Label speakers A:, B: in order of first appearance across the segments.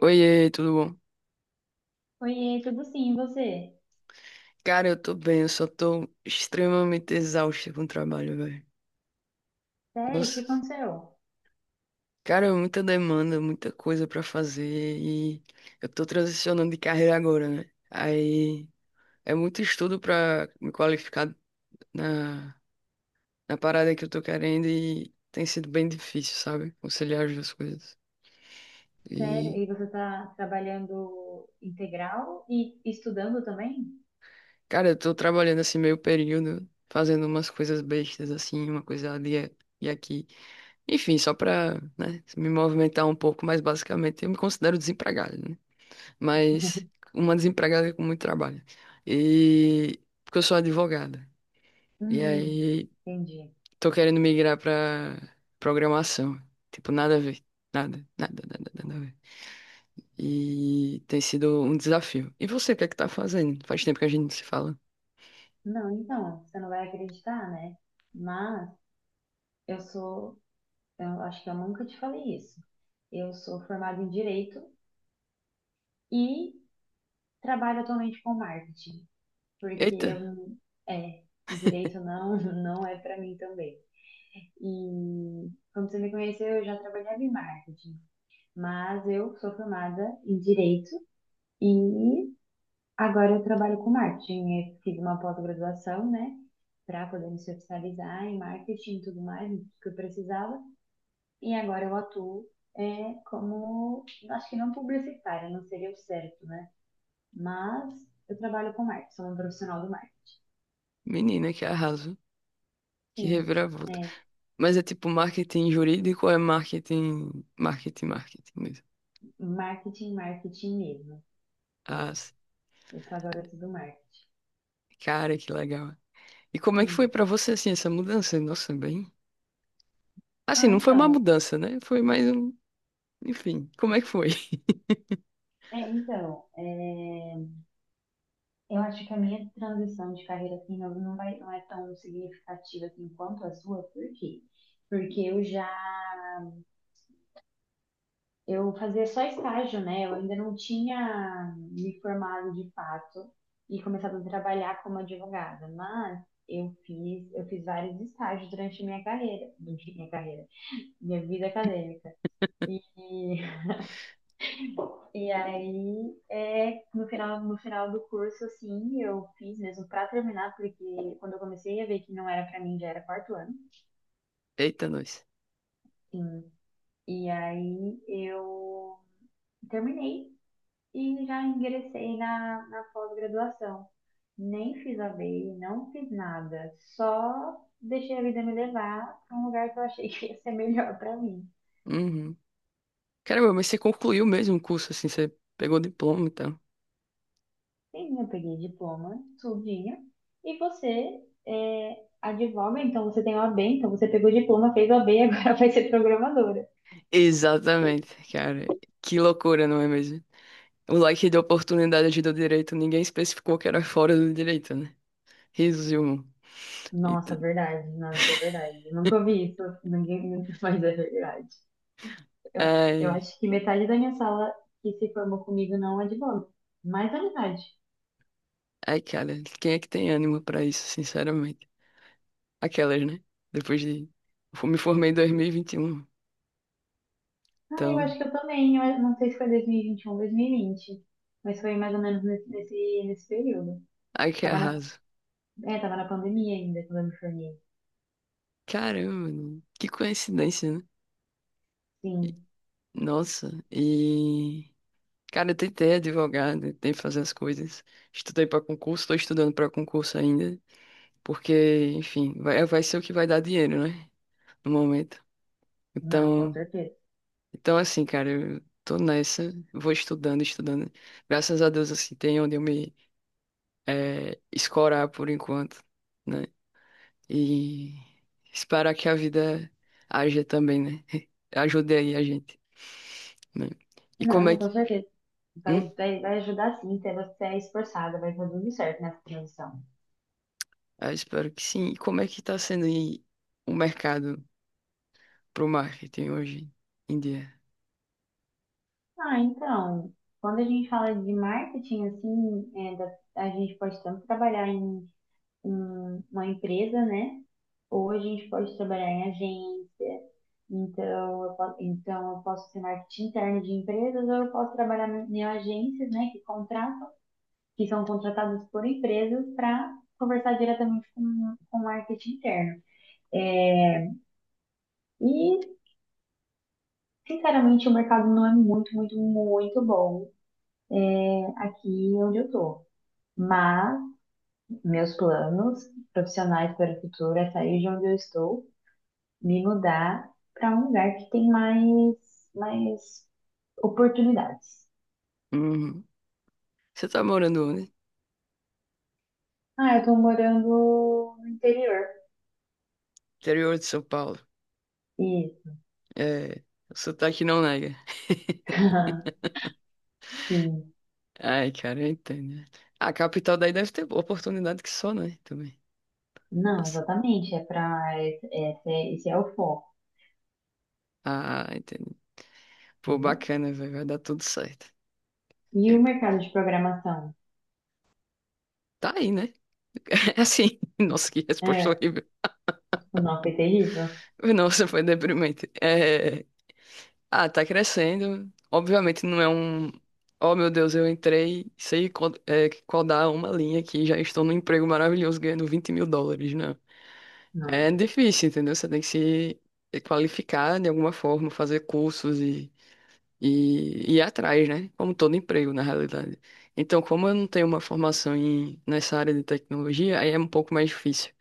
A: Oiê, tudo bom?
B: Oiê, tudo sim, e você?
A: Cara, eu tô bem, eu só tô extremamente exausto com o trabalho, velho.
B: Sério, o que
A: Nossa,
B: aconteceu?
A: cara, é muita demanda, muita coisa pra fazer e eu tô transicionando de carreira agora, né? Aí é muito estudo pra me qualificar na, na parada que eu tô querendo e tem sido bem difícil, sabe? Conciliar as duas coisas.
B: Sério,
A: E,
B: e você está trabalhando integral e estudando também?
A: cara, eu tô trabalhando assim meio período, fazendo umas coisas bestas assim, uma coisa ali e aqui. Enfim, só para, né, me movimentar um pouco, mas basicamente eu me considero desempregado, né? Mas uma desempregada é com muito trabalho. E porque eu sou advogada. E
B: Hum,
A: aí
B: entendi.
A: tô querendo migrar para programação. Tipo, nada a ver. Nada, nada, nada, nada a ver. E tem sido um desafio. E você, o que é que tá fazendo? Faz tempo que a gente não se fala.
B: Não, então, você não vai acreditar, né? Mas eu sou, eu acho que eu nunca te falei isso. Eu sou formada em Direito e trabalho atualmente com marketing, porque eu,
A: Eita,
B: Direito não, não é para mim também. E quando você me conheceu, eu já trabalhava em marketing. Mas eu sou formada em Direito e agora eu trabalho com marketing. Eu fiz uma pós-graduação, né, para poder me especializar em marketing e tudo mais, que eu precisava. E agora eu atuo como, acho que não publicitária, não seria o certo, né? Mas eu trabalho com marketing, sou uma profissional do marketing.
A: menina, que arraso. Que
B: Sim,
A: reviravolta.
B: é,
A: Mas é tipo marketing jurídico ou é marketing, marketing, marketing mesmo?
B: Marketing, marketing mesmo.
A: Ah,
B: É, eu sou a garota do marketing.
A: cara, que legal. E como é que foi
B: Sim.
A: pra você, assim, essa mudança? Nossa, bem. Assim,
B: Ah,
A: não foi uma
B: então,
A: mudança, né? Foi mais um. Enfim, como é que foi?
B: é, então, é, Eu acho que a minha transição de carreira não vai, não é tão significativa assim quanto a sua, por quê? Porque eu fazia só estágio, né? Eu ainda não tinha me formado de fato e começado a trabalhar como advogada, mas eu fiz vários estágios durante a minha carreira, durante a minha carreira, minha vida acadêmica. E, e aí é no final do curso assim, eu fiz mesmo para terminar, porque quando eu comecei a ver que não era para mim já era quarto ano.
A: Eita, nós.
B: Sim. E aí eu terminei e já ingressei na pós-graduação. Nem fiz a ABI, não fiz nada. Só deixei a vida me levar para um lugar que eu achei que ia ser melhor para mim.
A: Uhum. Caramba, mas você concluiu mesmo o curso, assim, você pegou o diploma e tal.
B: Sim, eu peguei diploma, tudinho. E você é, advoga, então você tem o A B então você pegou diploma, fez o a OAB, agora vai ser programadora.
A: Exatamente, cara. Que loucura, não é mesmo? O leque de oportunidade do direito, ninguém especificou que era fora do direito, né? Resumo. E
B: Nossa,
A: tu-
B: verdade, nossa, é verdade. Eu nunca ouvi isso, ninguém, mas é verdade. Eu, eu
A: Ai,
B: acho que metade da minha sala que se formou comigo não é de advoga. Mais da metade.
A: ai, cara, quem é que tem ânimo pra isso, sinceramente? Aquelas, né? Depois de. Eu me formei em 2021.
B: Ah, eu
A: Então,
B: acho que eu também. Eu não sei se foi 2021, 2020. Mas foi mais ou menos nesse período.
A: ai que
B: Tava na,
A: arraso.
B: tava na pandemia ainda quando eu me formei.
A: Caramba, mano, que coincidência, né?
B: Sim.
A: Nossa, e. Cara, eu tentei advogado, tentei fazer as coisas. Estudei pra concurso, tô estudando pra concurso ainda. Porque, enfim, vai, vai ser o que vai dar dinheiro, né? No momento.
B: Não, com
A: Então,
B: certeza.
A: então assim, cara, eu tô nessa, vou estudando, estudando. Graças a Deus, assim, tem onde eu me escorar por enquanto, né? E esperar que a vida haja também, né? Ajude aí a gente, né? E como é
B: Não, com
A: que.
B: certeza.
A: Hum,
B: Vai ajudar sim, se você é esforçada, vai fazer tudo certo nessa transição.
A: eu espero que sim. E como é que tá sendo aí o mercado pro marketing hoje em dia?
B: Ah, então, quando a gente fala de marketing, assim, a gente pode tanto trabalhar em uma empresa, né? Ou a gente pode trabalhar em agência. Então eu posso ser marketing interno de empresas ou eu posso trabalhar em agências, né, que contratam, que são contratadas por empresas para conversar diretamente com o marketing interno. É, E, sinceramente, o mercado não é muito bom, né, aqui onde eu tô. Mas meus planos profissionais para o futuro é sair de onde eu estou, me mudar para um lugar que tem mais oportunidades.
A: Uhum. Você tá morando onde?
B: Ah, eu tô morando no interior.
A: Interior de São Paulo.
B: E
A: É, o sotaque não nega.
B: sim.
A: Ai, cara, eu entendo, né? A capital daí deve ter oportunidade que só, né? Também.
B: Não,
A: Nossa.
B: exatamente. É é esse é o foco,
A: Ah, entendi. Pô,
B: entendeu?
A: bacana, velho. Vai dar tudo certo.
B: E
A: Aí,
B: o
A: pô.
B: mercado de programação?
A: Tá aí, né? É. Assim, nossa, que resposta
B: É,
A: horrível.
B: o nosso é terrível?
A: Nossa, foi deprimente. É, ah, tá crescendo. Obviamente não é um. Oh, meu Deus, eu entrei, codar uma linha aqui, já estou num emprego maravilhoso ganhando US$ 20.000, né?
B: Não.
A: É difícil, entendeu? Você tem que se qualificar de alguma forma, fazer cursos e, e ir atrás, né? Como todo emprego, na realidade. Então, como eu não tenho uma formação nessa área de tecnologia, aí é um pouco mais difícil,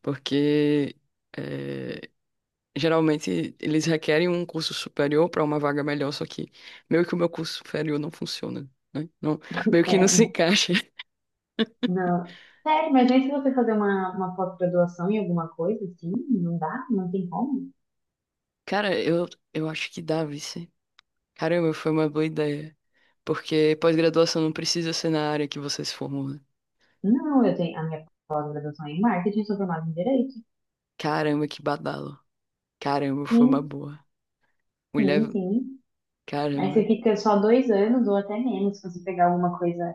A: porque é, geralmente eles requerem um curso superior para uma vaga melhor, só que meio que o meu curso superior não funciona, né? Não, meio que não se
B: É,
A: encaixa.
B: não. Sério, mas nem se você fazer uma pós-graduação em alguma coisa, assim, não dá, não tem como.
A: Cara, eu acho que dá, vice. Caramba, foi uma boa ideia. Porque pós-graduação não precisa ser na área que você se formou, né?
B: Não, eu tenho a minha pós-graduação é em marketing, sou formada em direito.
A: Caramba, que badalo. Caramba, foi uma
B: Sim.
A: boa.
B: Sim,
A: Mulher,
B: sim. Aí você
A: caramba.
B: fica só dois anos ou até menos, se você pegar alguma coisa.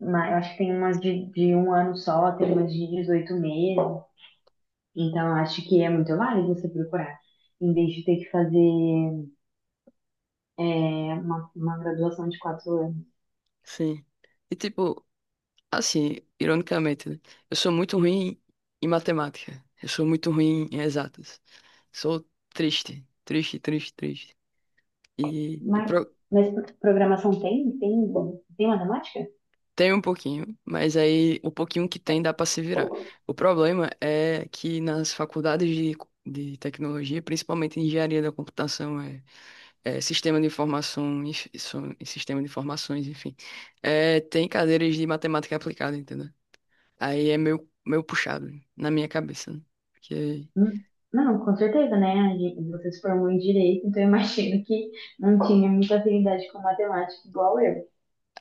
B: Eu acho que tem umas de um ano só, tem umas de 18 meses. Então, eu acho que é muito válido você procurar, em vez de ter que fazer é, uma graduação de 4 anos.
A: Sim. E tipo, assim, ironicamente, né? Eu sou muito ruim em matemática. Eu sou muito ruim em exatas. Sou triste, triste, triste, triste. E, e
B: Mas,
A: pro-
B: mas programação tem? Tem matemática?
A: Tem um pouquinho, mas aí o pouquinho que tem dá para se virar. O problema é que nas faculdades de tecnologia, principalmente em engenharia da computação, sistema de informação, sistema de informações, enfim, tem cadeiras de matemática aplicada, entendeu? Aí é meio, meio puxado na minha cabeça, né? Porque...
B: Hum, Não, com certeza, né? A gente- Você se formou em direito, então eu imagino que não tinha muita afinidade com matemática igual eu.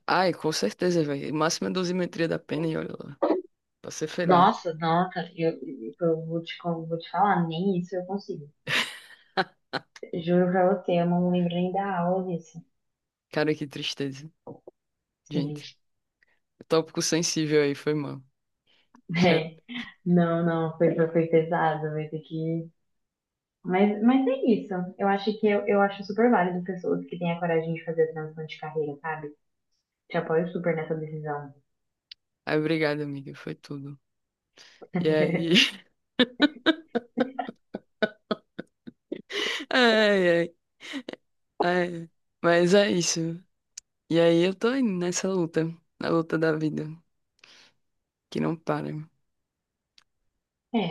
A: Ai, com certeza, velho. Máxima dosimetria da pena e olha lá. Pra ser feliz.
B: Nossa, nossa, eu, eu vou vou te falar, nem isso eu consigo. Juro pra você, eu não lembro nem da aula disso.
A: Cara, que tristeza.
B: Sim.
A: Gente, tópico sensível aí, foi mal.
B: É, não, foi pesado, vai ter que. Mas é isso. Eu acho super válido pessoas que têm a coragem de fazer a transição de carreira, sabe? Te apoio super nessa decisão.
A: Ai, obrigado, amiga. Foi tudo. E aí? Ai, ai, ai. Mas é isso. E aí eu tô aí nessa luta. Na luta da vida. Que não para.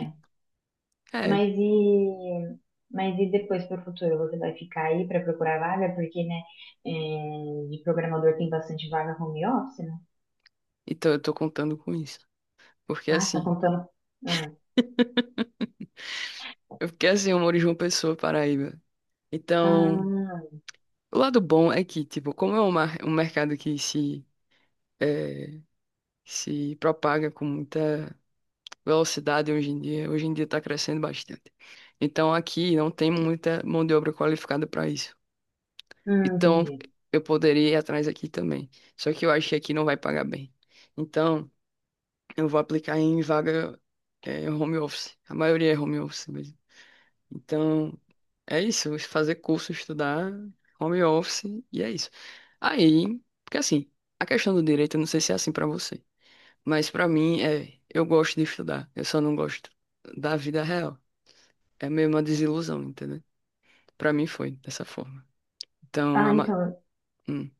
A: E- É.
B: Mas e, mas e depois para o futuro? Você vai ficar aí para procurar vaga? Porque, de programador tem bastante vaga home office, né?
A: Então eu tô contando com isso. Porque
B: Ah, tá
A: assim,
B: contando. Ah,
A: eu fiquei assim, eu moro em João Pessoa, Paraíba. Então.
B: ah,
A: O lado bom é que, tipo, como é um mercado que se eh, se propaga com muita velocidade hoje em dia está crescendo bastante. Então, aqui não tem muita mão de obra qualificada para isso. Então,
B: entendi.
A: eu poderia ir atrás aqui também. Só que eu acho que aqui não vai pagar bem. Então, eu vou aplicar em vaga, home office. A maioria é home office mesmo. Então, é isso, fazer curso, estudar, home office, e é isso. Aí, porque assim, a questão do direito, eu não sei se é assim pra você, mas pra mim é, eu gosto de estudar, eu só não gosto da vida real. É meio uma desilusão, entendeu? Pra mim foi dessa forma. Então,
B: Ah,
A: a ma-
B: então,
A: hum.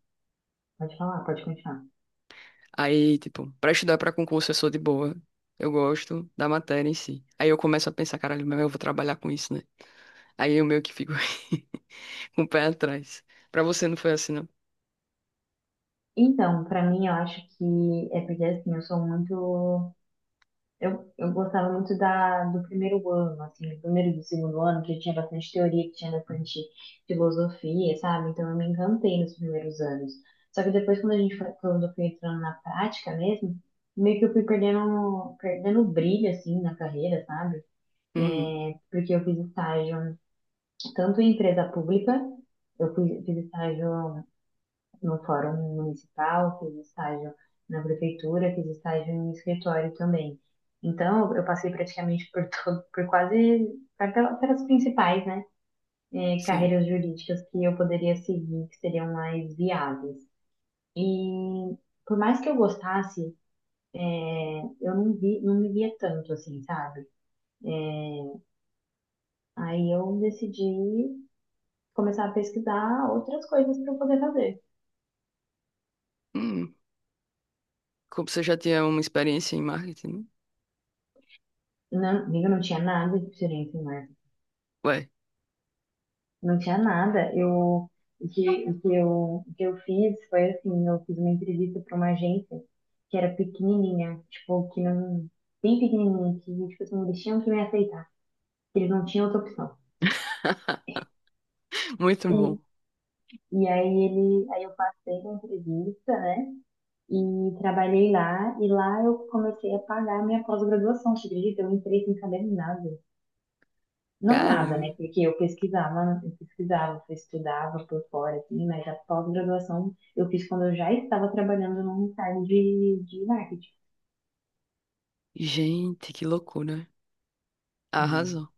B: pode falar, pode continuar.
A: Aí, tipo, pra estudar pra concurso eu sou de boa, eu gosto da matéria em si. Aí eu começo a pensar, caralho, mas eu vou trabalhar com isso, né? Aí eu meio que fico com o pé atrás. Pra você não foi assim, não?
B: Então, para mim, eu acho que é porque assim, eu gostava muito do primeiro ano, assim, do primeiro e do segundo ano, que tinha bastante teoria, que tinha bastante filosofia, sabe? Então eu me encantei nos primeiros anos. Só que depois, quando a gente foi, quando eu fui entrando na prática mesmo, meio que eu fui perdendo o brilho, assim, na carreira, sabe?
A: Uhum.
B: Porque eu fiz estágio tanto em empresa pública, fiz estágio no fórum municipal, fiz estágio na prefeitura, fiz estágio em escritório também. Então, eu passei praticamente por todo, por quase, pelas principais, né,
A: Sim.
B: carreiras jurídicas que eu poderia seguir, que seriam mais viáveis. E por mais que eu gostasse, eh, eu não vi, não me via tanto assim, sabe? Aí eu decidi começar a pesquisar outras coisas para eu poder fazer.
A: Hum, como você já tinha uma experiência em marketing, né?
B: Não, eu não tinha nada de diferente em.
A: Ué,
B: Não tinha nada. Eu, o que, o que eu, o que eu fiz foi assim, eu fiz uma entrevista para uma agência que era pequenininha, tipo, que não, bem pequenininha, que tipo assim, eles tinham que me aceitar, que eles não tinham outra opção.
A: muito bom.
B: E, aí eu passei na entrevista, né? E trabalhei lá, e lá eu comecei a pagar a minha pós-graduação, você acredita? Eu entrei sem saber nada. Não nada, né?
A: Caramba.
B: Porque eu pesquisava, eu estudava por fora, assim, mas a pós-graduação eu fiz quando eu já estava trabalhando num estágio de marketing.
A: Gente, que loucura.
B: Hum.
A: Arrasou.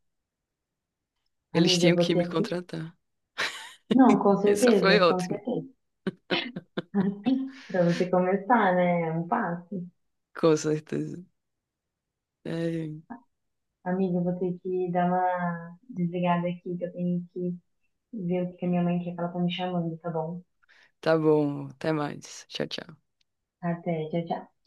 A: Eles
B: Amiga,
A: tinham que
B: você
A: me
B: aqui.
A: contratar.
B: Não,
A: Essa foi
B: com
A: ótima.
B: certeza. Para você começar, né? É um passo.
A: Com certeza. É,
B: Amiga, eu vou ter que dar uma desligada aqui, que eu tenho que ver o que que a minha mãe quer que ela tá me chamando, tá bom?
A: tá bom. Até mais. Tchau, tchau.
B: Até, tchau, tchau.